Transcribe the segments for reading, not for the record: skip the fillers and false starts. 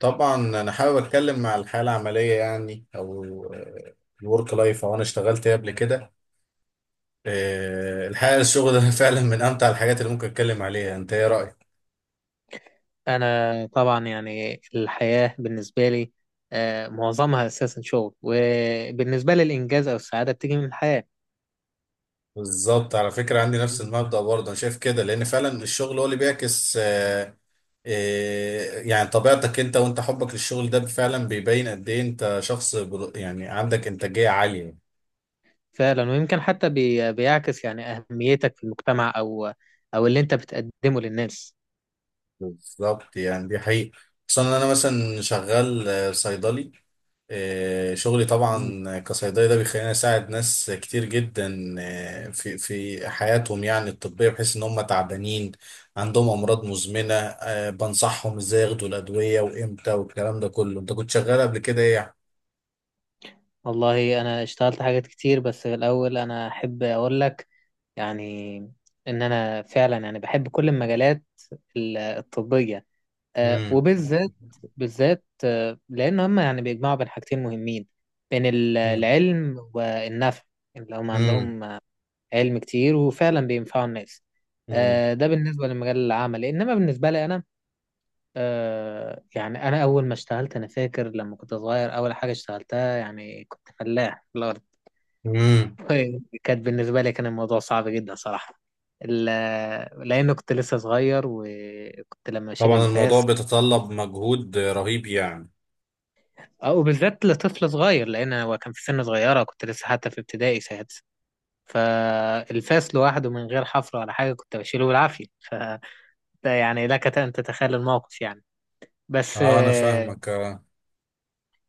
طبعا انا حابب اتكلم مع الحياه العمليه يعني او الورك لايف او انا اشتغلت ايه قبل كده. الحقيقه الشغل ده فعلا من امتع الحاجات اللي ممكن اتكلم عليها. انت ايه رايك؟ أنا طبعا يعني الحياة بالنسبة لي معظمها أساسا شغل، وبالنسبة لي الإنجاز أو السعادة بتيجي من الحياة. بالظبط، على فكره عندي نفس المبدا برضه، انا شايف كده لان فعلا الشغل هو اللي بيعكس يعني طبيعتك. انت وانت حبك للشغل ده فعلا بيبين قد ايه انت شخص يعني عندك انتاجيه عاليه. فعلا، ويمكن حتى بيعكس يعني أهميتك في المجتمع، أو اللي أنت بتقدمه للناس. بالظبط يعني دي حقيقة. خصوصا ان انا مثلا شغال صيدلي. شغلي طبعا كصيدلي ده بيخليني اساعد ناس كتير جدا في حياتهم يعني الطبية، بحيث ان هم تعبانين عندهم امراض مزمنة، بنصحهم ازاي ياخدوا الادوية وامتى والكلام ده كله. انت كنت شغال قبل كده ايه يعني؟ والله أنا اشتغلت حاجات كتير، بس في الأول أنا أحب أقول لك يعني إن أنا فعلا يعني بحب كل المجالات الطبية، مم. وبالذات بالذات آه، لأن هم يعني بيجمعوا بين حاجتين مهمين، بين مم. العلم والنفع، اللي هم مم. عندهم علم كتير وفعلا بينفعوا الناس. مم. ده بالنسبة لمجال العمل، إنما بالنسبة لي أنا يعني أنا أول ما اشتغلت أنا فاكر لما كنت صغير، أول حاجة اشتغلتها يعني كنت فلاح في الأرض. مم. كانت بالنسبة لي كان الموضوع صعب جدا صراحة، لأنه كنت لسه صغير، وكنت لما أشيل طبعا الموضوع الفاس بيتطلب مجهود رهيب يعني. اه وبالذات لطفل صغير، لان هو كان في سن صغيره، كنت لسه حتى في ابتدائي سادس. فالفاس لوحده من غير حفر ولا حاجه كنت بشيله بالعافيه، ده يعني لك ان تتخيل الموقف يعني. بس اه انا اه فاهمك آه.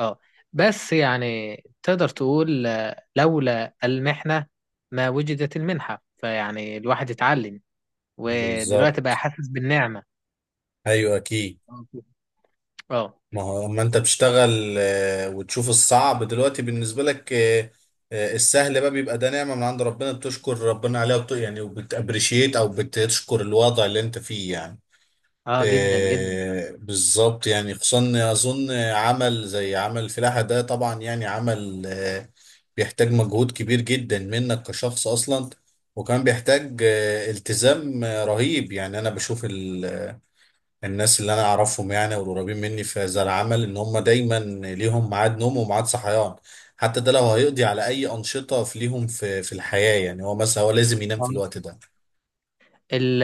آه. بس يعني تقدر تقول، لولا المحنه ما وجدت المنحه. فيعني الواحد اتعلم، ودلوقتي بقى بالظبط. حاسس بالنعمه. ايوه اكيد. اه. اه. ما هو اما انت بتشتغل وتشوف الصعب دلوقتي بالنسبه لك، السهل بقى بيبقى ده نعمه من عند ربنا بتشكر ربنا عليها يعني وبتابريشيت او بتشكر الوضع اللي انت فيه يعني. جدا جدا. بالظبط يعني، خصوصا اظن عمل زي عمل الفلاحه ده طبعا يعني عمل بيحتاج مجهود كبير جدا منك كشخص اصلا. وكان بيحتاج التزام رهيب يعني. انا بشوف الناس اللي انا اعرفهم يعني، والقريبين مني في هذا العمل، ان هم دايما ليهم ميعاد نوم وميعاد صحيان. حتى ده لو هيقضي على اي انشطه في ليهم في الحياه، يعني هو مثلا هو لازم ينام في الوقت ده. ال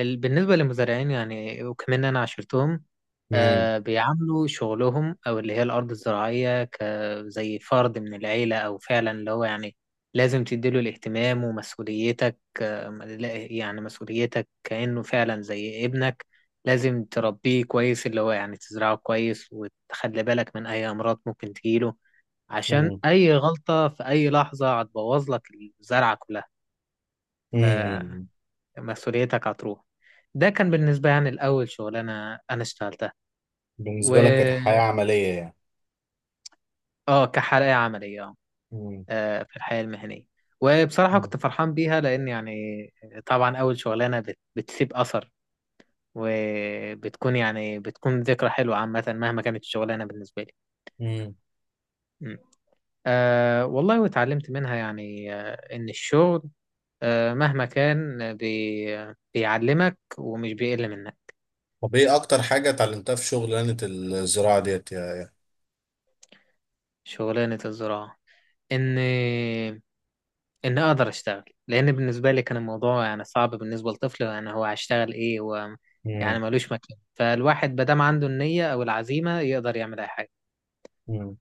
ال بالنسبة للمزارعين يعني، وكمان أنا عشرتهم، امم. بيعاملوا شغلهم أو اللي هي الأرض الزراعية كزي فرد من العيلة، أو فعلا اللي هو يعني لازم تديله الاهتمام ومسؤوليتك. يعني مسؤوليتك كأنه فعلا زي ابنك، لازم تربيه كويس، اللي هو يعني تزرعه كويس وتخلي بالك من أي أمراض ممكن تجيله، عشان امم. أي غلطة في أي لحظة هتبوظ لك الزرعة كلها، امم. مسؤوليتك هتروح. ده كان بالنسبة يعني الأول شغلانة أنا اشتغلتها. و بالنسبه لك كحياه عمليه يعني. آه، كحلقة عملية، امم. في الحياة المهنية. وبصراحة كنت فرحان بيها، لأن يعني طبعا أول شغلانة بتسيب أثر، وبتكون يعني بتكون ذكرى حلوة عامة مهما كانت الشغلانة بالنسبة لي. امم. م. آه، والله واتعلمت منها يعني، إن الشغل مهما كان بيعلمك ومش بيقل منك. طب ايه اكتر حاجه اتعلمتها في شغلانه الزراعه ديت يعني؟ شغلانة الزراعة، إن ان اقدر اشتغل، لان بالنسبه لي كان الموضوع يعني صعب بالنسبه لطفل، يعني هو هيشتغل ايه؟ هو يعني امم. ملوش مكان. فالواحد ما دام عنده النيه او العزيمه يقدر يعمل اي حاجه. امم.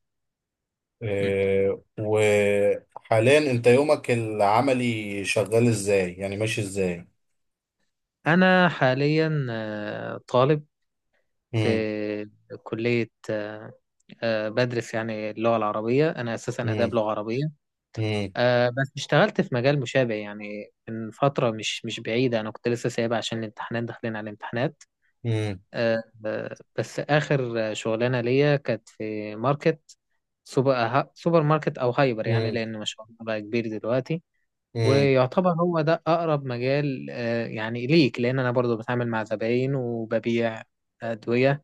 م. إيه وحاليا انت يومك العملي شغال ازاي؟ يعني ماشي ازاي؟ انا حاليا طالب في امم. كليه، بدرس يعني اللغه العربيه، انا اساسا اداب لغه عربيه. امم. بس اشتغلت في مجال مشابه يعني، من فتره مش بعيده، انا كنت لسه سايبها عشان الامتحانات، داخلين على الامتحانات. امم. بس آخر شغلانة ليا كانت في ماركت، سوبر سوبر ماركت أو هايبر، يعني امم. لأن ما شاء الله بقى كبير دلوقتي. امم. ويعتبر هو ده أقرب مجال، يعني ليك، لأن أنا برضو بتعامل مع زباين وببيع أدوية.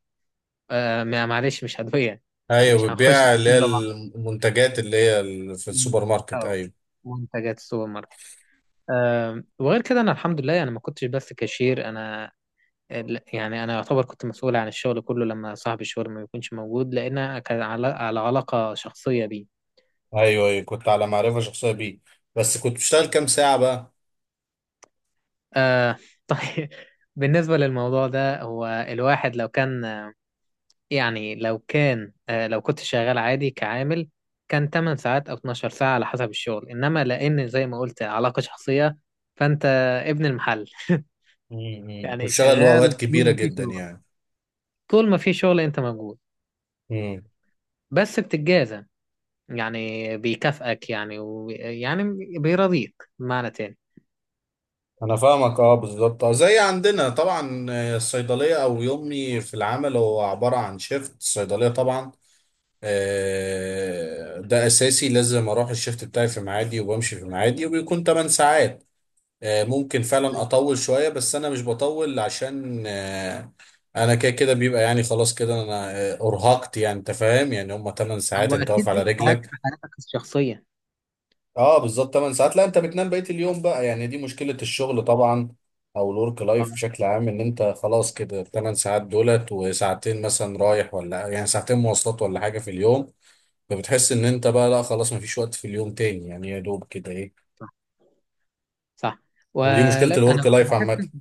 معلش مش أدوية، ايوه، مش هنخش بتبيع اللي في هي بعض، المنتجات اللي هي في السوبر ماركت. أو ايوه. منتجات السوبر ماركت. وغير كده أنا الحمد لله أنا ما كنتش بس كاشير، أنا يعني انا يعتبر كنت مسؤول عن الشغل كله لما صاحب الشغل ما يكونش موجود، لان كان على علاقه شخصيه بيه. ايوه ايوه، كنت على معرفه شخصيه بيه. بس كنت بشتغل كام ساعه بقى؟ آه. طيب، بالنسبه للموضوع ده، هو الواحد لو كان يعني لو كان آه لو كنت شغال عادي كعامل، كان 8 ساعات او 12 ساعه على حسب الشغل. انما لان زي ما قلت علاقه شخصيه، فانت ابن المحل. امم، كنت يعني شغال اوقات شغال طول كبيره ما في جدا شغل، يعني. طول ما في شغل انت موجود. امم. بس بتتجازى، يعني بيكافئك يعني، يعني بيرضيك بمعنى تاني. انا فاهمك اه، بالظبط. اه زي عندنا طبعا، الصيدليه او يومي في العمل هو عباره عن شيفت الصيدليه طبعا. ده اساسي، لازم اروح الشيفت بتاعي في ميعادي وبمشي في ميعادي، وبيكون 8 ساعات. ممكن فعلا كويس. اطول شويه بس انا مش بطول عشان انا كده كده بيبقى يعني خلاص كده انا ارهقت. يعني انت فاهم، يعني هم 8 ساعات هو انت اكيد واقف على عيد في حياتك، رجلك. حياتك الشخصيه. اه بالظبط، 8 ساعات. لا انت بتنام بقيه اليوم بقى. يعني دي مشكله الشغل طبعا، او الورك لايف اه. بشكل عام، ان انت خلاص كده 8 ساعات دولت، وساعتين مثلا رايح ولا يعني ساعتين مواصلات ولا حاجه في اليوم. فبتحس ان انت بقى لا خلاص مفيش وقت في اليوم تاني، يعني يا دوب كده ايه. صح. صح. ودي مشكله ولا انا الورك كنت لايف بحس عامه. إن-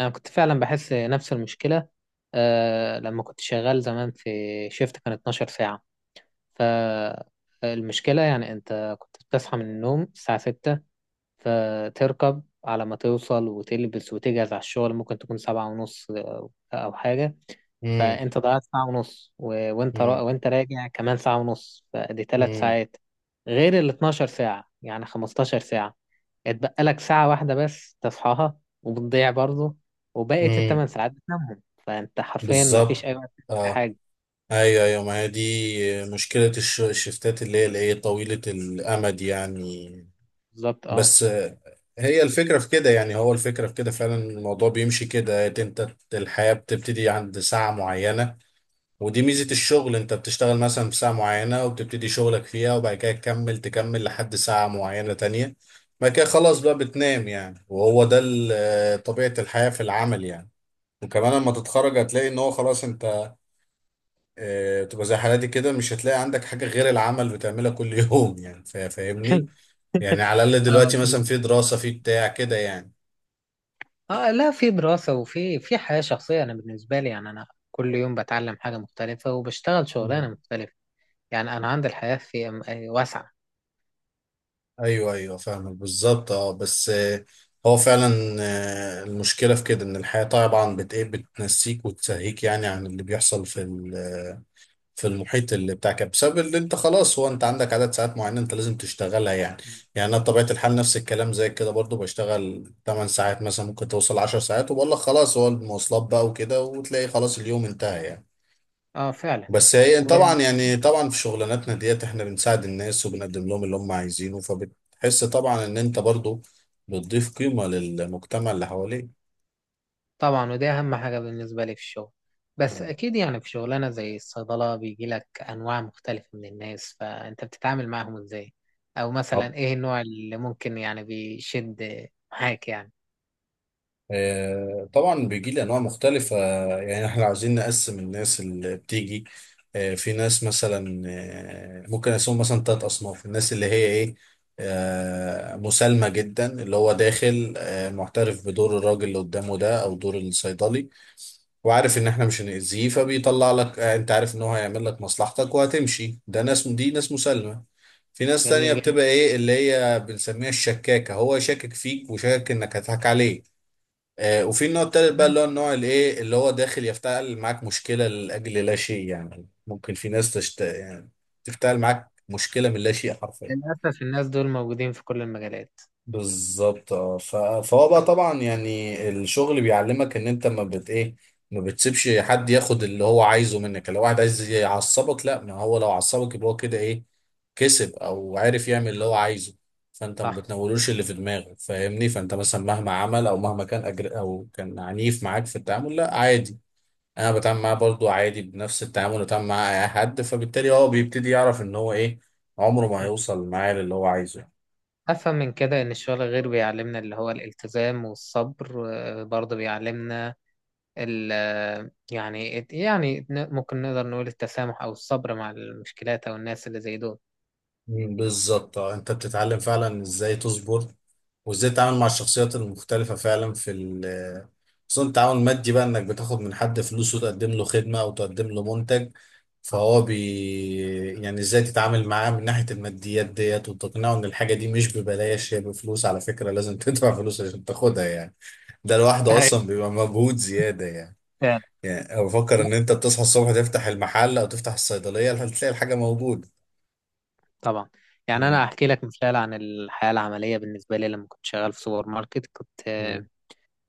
انا كنت فعلا بحس نفس المشكله، لما كنت شغال زمان في شيفت كان 12 ساعه. فالمشكله يعني انت كنت بتصحى من النوم الساعه 6، فتركب على ما توصل وتلبس وتجهز على الشغل، ممكن تكون 7:30 او حاجه. امم. فانت ضيعت ساعة ونص، امم. وانت راجع كمان ساعة ونص، فدي 3 ساعات غير ال 12 ساعة، يعني 15 ساعة. اتبقى لك ساعة واحدة بس تصحاها وبتضيع برضه، وبقيت الثمان امم. ساعات بتنامهم، فانت حرفيا ما فيش بالظبط اي وقت تعمل أي اه. حاجة. ايوه ايوه، ما هي دي مشكلة الشفتات اللي هي الايه طويلة الامد يعني. بالظبط. اه. بس هي الفكرة في كده يعني، هو الفكرة في كده فعلا الموضوع بيمشي كده إيه، انت الحياة بتبتدي عند ساعة معينة. ودي ميزة الشغل، انت بتشتغل مثلا في ساعة معينة وبتبتدي شغلك فيها، وبعد كده تكمل تكمل لحد ساعة معينة تانية. بعد كده خلاص بقى بتنام يعني، وهو ده طبيعة الحياة في العمل يعني. وكمان لما تتخرج هتلاقي ان هو خلاص انت تبقى زي حالاتي كده، مش هتلاقي عندك حاجة غير العمل بتعملها كل يوم يعني. فاهمني يعني، على الأقل اه. دلوقتي مثلا في دراسة في بتاع كده يعني. لا، في دراسة وفي حياة شخصية. أنا بالنسبة لي يعني أنا كل يوم بتعلم حاجة مختلفة وبشتغل مم. شغلانة مختلفة. يعني أنا عندي الحياة في أم- آه، واسعة. أيوه أيوه فاهمك بالظبط. أه بس هو فعلا المشكلة في كده إن الحياة طبعا إيه بتنسيك وتسهيك يعني عن اللي بيحصل في المحيط اللي بتاعك، بسبب اللي انت خلاص هو انت عندك عدد ساعات معينة انت لازم تشتغلها يعني. يعني انا بطبيعة الحال نفس الكلام زي كده برضو بشتغل 8 ساعات، مثلا ممكن توصل 10 ساعات، وبقول لك خلاص هو المواصلات بقى وكده، وتلاقي خلاص اليوم انتهى يعني. اه، فعلا. بس هي طبعا يعني، طبعا في شغلاناتنا ديت احنا بنساعد الناس وبنقدم لهم اللي هم عايزينه، فبتحس طبعا ان انت برضو بتضيف قيمة للمجتمع اللي حواليك. طبعا، وده اهم حاجة بالنسبة لي في الشغل. بس مم. اكيد يعني في شغلانة زي الصيدلة بيجي لك انواع مختلفة من الناس، فانت بتتعامل معاهم ازاي؟ او مثلا ايه النوع اللي ممكن يعني بيشد معاك يعني؟ طبعا بيجي لي انواع مختلفه، يعني احنا عاوزين نقسم الناس اللي بتيجي. في ناس مثلا، ممكن اسمهم مثلا 3 اصناف. الناس اللي هي ايه، مسالمه جدا، اللي هو داخل معترف بدور الراجل اللي قدامه ده او دور الصيدلي، وعارف ان احنا مش هنأذيه، فبيطلع لك انت عارف ان هو هيعمل لك مصلحتك وهتمشي. ده ناس، دي ناس مسالمه. في ناس تانية جميل جدا. بتبقى ايه اللي هي بنسميها الشكاكة، هو يشكك فيك وشاكك انك هتضحك عليه. وفي النوع التالت بقى اللي هو النوع الايه، اللي هو داخل يفتعل معاك مشكله لاجل لا شيء. يعني ممكن في ناس تشت يعني تفتعل معاك مشكله من لا شيء حرفيا. للأسف الناس دول موجودين في كل المجالات. بالظبط اه، فهو بقى طبعا يعني الشغل بيعلمك ان انت ما بت ايه، ما بتسيبش حد ياخد اللي هو عايزه منك. لو واحد عايز يعصبك لا، ما هو لو عصبك يبقى هو كده ايه، كسب او عارف يعمل اللي هو نعم. عايزه. فانت ما صح. بتنولوش اللي في دماغك، فاهمني. فانت مثلا مهما عمل او مهما كان أجر او كان عنيف معاك في التعامل، لا عادي. انا بتعامل معاه برضو عادي بنفس التعامل اللي بتعامل معاه اي حد، فبالتالي هو بيبتدي يعرف ان هو ايه، عمره ما م. هيوصل معاه للي هو عايزه. أفهم من كده إن الشغل غير بيعلمنا اللي هو الالتزام والصبر، برضه بيعلمنا ال يعني، ممكن نقدر نقول التسامح أو الصبر مع المشكلات أو الناس اللي زي دول. مم، بالظبط اه. انت بتتعلم فعلا ازاي تصبر، وازاي تتعامل مع الشخصيات المختلفة فعلا في ال خصوصا التعاون المادي بقى، انك بتاخد من حد فلوس وتقدم له خدمة او تقدم له منتج، فهو بي يعني ازاي تتعامل معاه من ناحية الماديات ديت، وتقنعه ان الحاجة دي مش ببلاش، هي بفلوس على فكرة، لازم تدفع فلوس عشان تاخدها يعني. ده لوحده ايوه، اصلا بيبقى مجهود زيادة يعني. فعلا. يعني أنا بفكر لا، ان انت بتصحى الصبح تفتح المحل او تفتح الصيدلية هتلاقي الحاجة موجودة. طبعا، يعني أنا مم. أحكي لك مثال عن الحياة العملية. بالنسبة لي لما كنت شغال في سوبر ماركت، كنت آه، مم.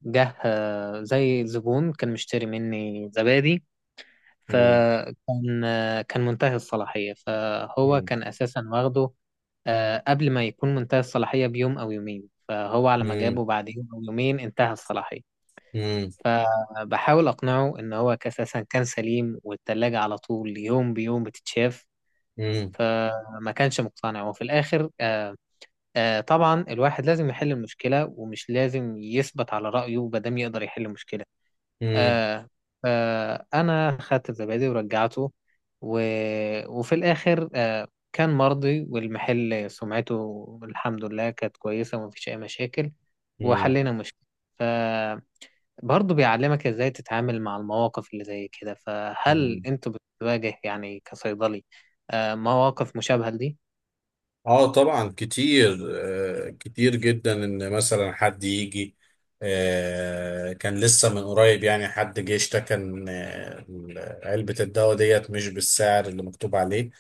جه آه، زي زبون كان مشتري مني زبادي، مم. فكان كان منتهي الصلاحية. فهو مم. كان أساسا واخده قبل ما يكون منتهي الصلاحية بيوم أو يومين، فهو على ما مم. جابه بعد يوم أو يومين انتهى الصلاحية. مم. فبحاول أقنعه إن هو أساسا كان سليم، والتلاجة على طول يوم بيوم بتتشاف، مم. فما كانش مقتنع. وفي الآخر، طبعا الواحد لازم يحل المشكلة ومش لازم يثبت على رأيه مادام يقدر يحل المشكلة. مم. آه أنا خدت الزبادي ورجعته، و... وفي الآخر كان مرضي، والمحل سمعته الحمد لله كانت كويسة، ومفيش أي مشاكل، مم. وحلينا مشكلة. ف برضه بيعلمك ازاي تتعامل مع المواقف اللي زي كده. فهل مم. انت بتواجه يعني كصيدلي مواقف مشابهة لدي؟ اه طبعا كتير، آه كتير جدا. ان مثلا حد يجي، آه كان لسه من قريب يعني حد جه اشتكى ان علبة الدواء ديت مش بالسعر اللي مكتوب عليه.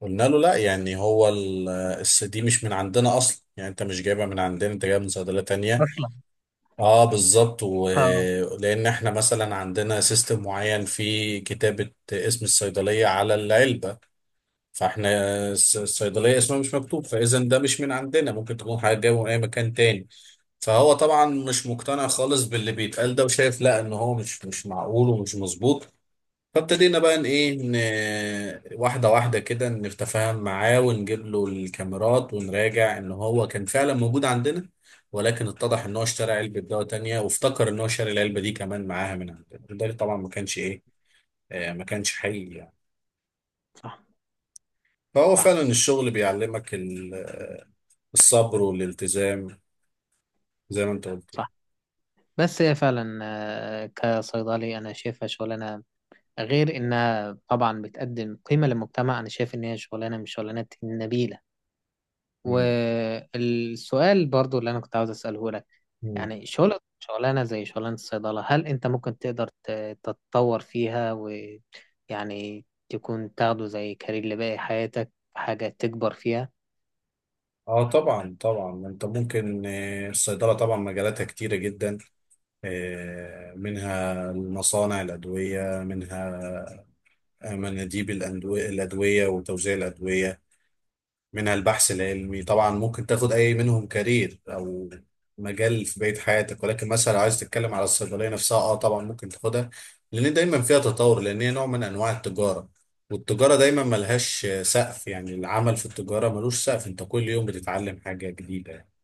قلنا له لا، يعني هو دي مش من عندنا اصلا، يعني انت مش جايبها من عندنا، انت جايبها من صيدلية تانية. اصلا. اه بالظبط، اه. ولان احنا مثلا عندنا سيستم معين في كتابة اسم الصيدلية على العلبة، فاحنا الصيدلية اسمها مش مكتوب، فاذا ده مش من عندنا، ممكن تكون حاجة جاية من اي مكان تاني. فهو طبعا مش مقتنع خالص باللي بيتقال ده وشايف لا، ان هو مش معقول ومش مظبوط. فابتدينا بقى ان ايه واحده واحده كده نتفاهم معاه ونجيب له الكاميرات ونراجع ان هو كان فعلا موجود عندنا. ولكن اتضح ان هو اشترى علبه دواء تانية، وافتكر ان هو شاري العلبه دي كمان معاها من عندنا، وده طبعا ما كانش ايه، ما كانش حقيقي يعني. صح. فهو صح. فعلا الشغل بيعلمك الصبر والالتزام زي ما انت قلت يعني. صح. بس هي فعلا، كصيدلي انا شايفها شغلانة، غير انها طبعا بتقدم قيمة للمجتمع، انا شايف ان هي شغلانة من الشغلانات النبيلة. مم. والسؤال برضو اللي انا كنت عاوز اساله لك، مم. يعني شغلانة زي شغلانة الصيدلة، هل أنت ممكن تقدر تتطور فيها، ويعني تكون تاخده زي كارير لباقي حياتك، حاجة تكبر فيها؟ اه طبعا طبعا، انت ممكن الصيدله طبعا مجالاتها كتيره جدا. منها مصانع الأدوية، منها مناديب الأدوية وتوزيع الأدوية، منها البحث العلمي. طبعا ممكن تاخد أي منهم كارير أو مجال في بقية حياتك. ولكن مثلا لو عايز تتكلم على الصيدلية نفسها، اه طبعا ممكن تاخدها لأن دايما فيها تطور، لأن هي نوع من أنواع التجارة، والتجارة دايما ملهاش سقف. يعني العمل في التجارة ملوش سقف، انت كل يوم بتتعلم حاجة جديدة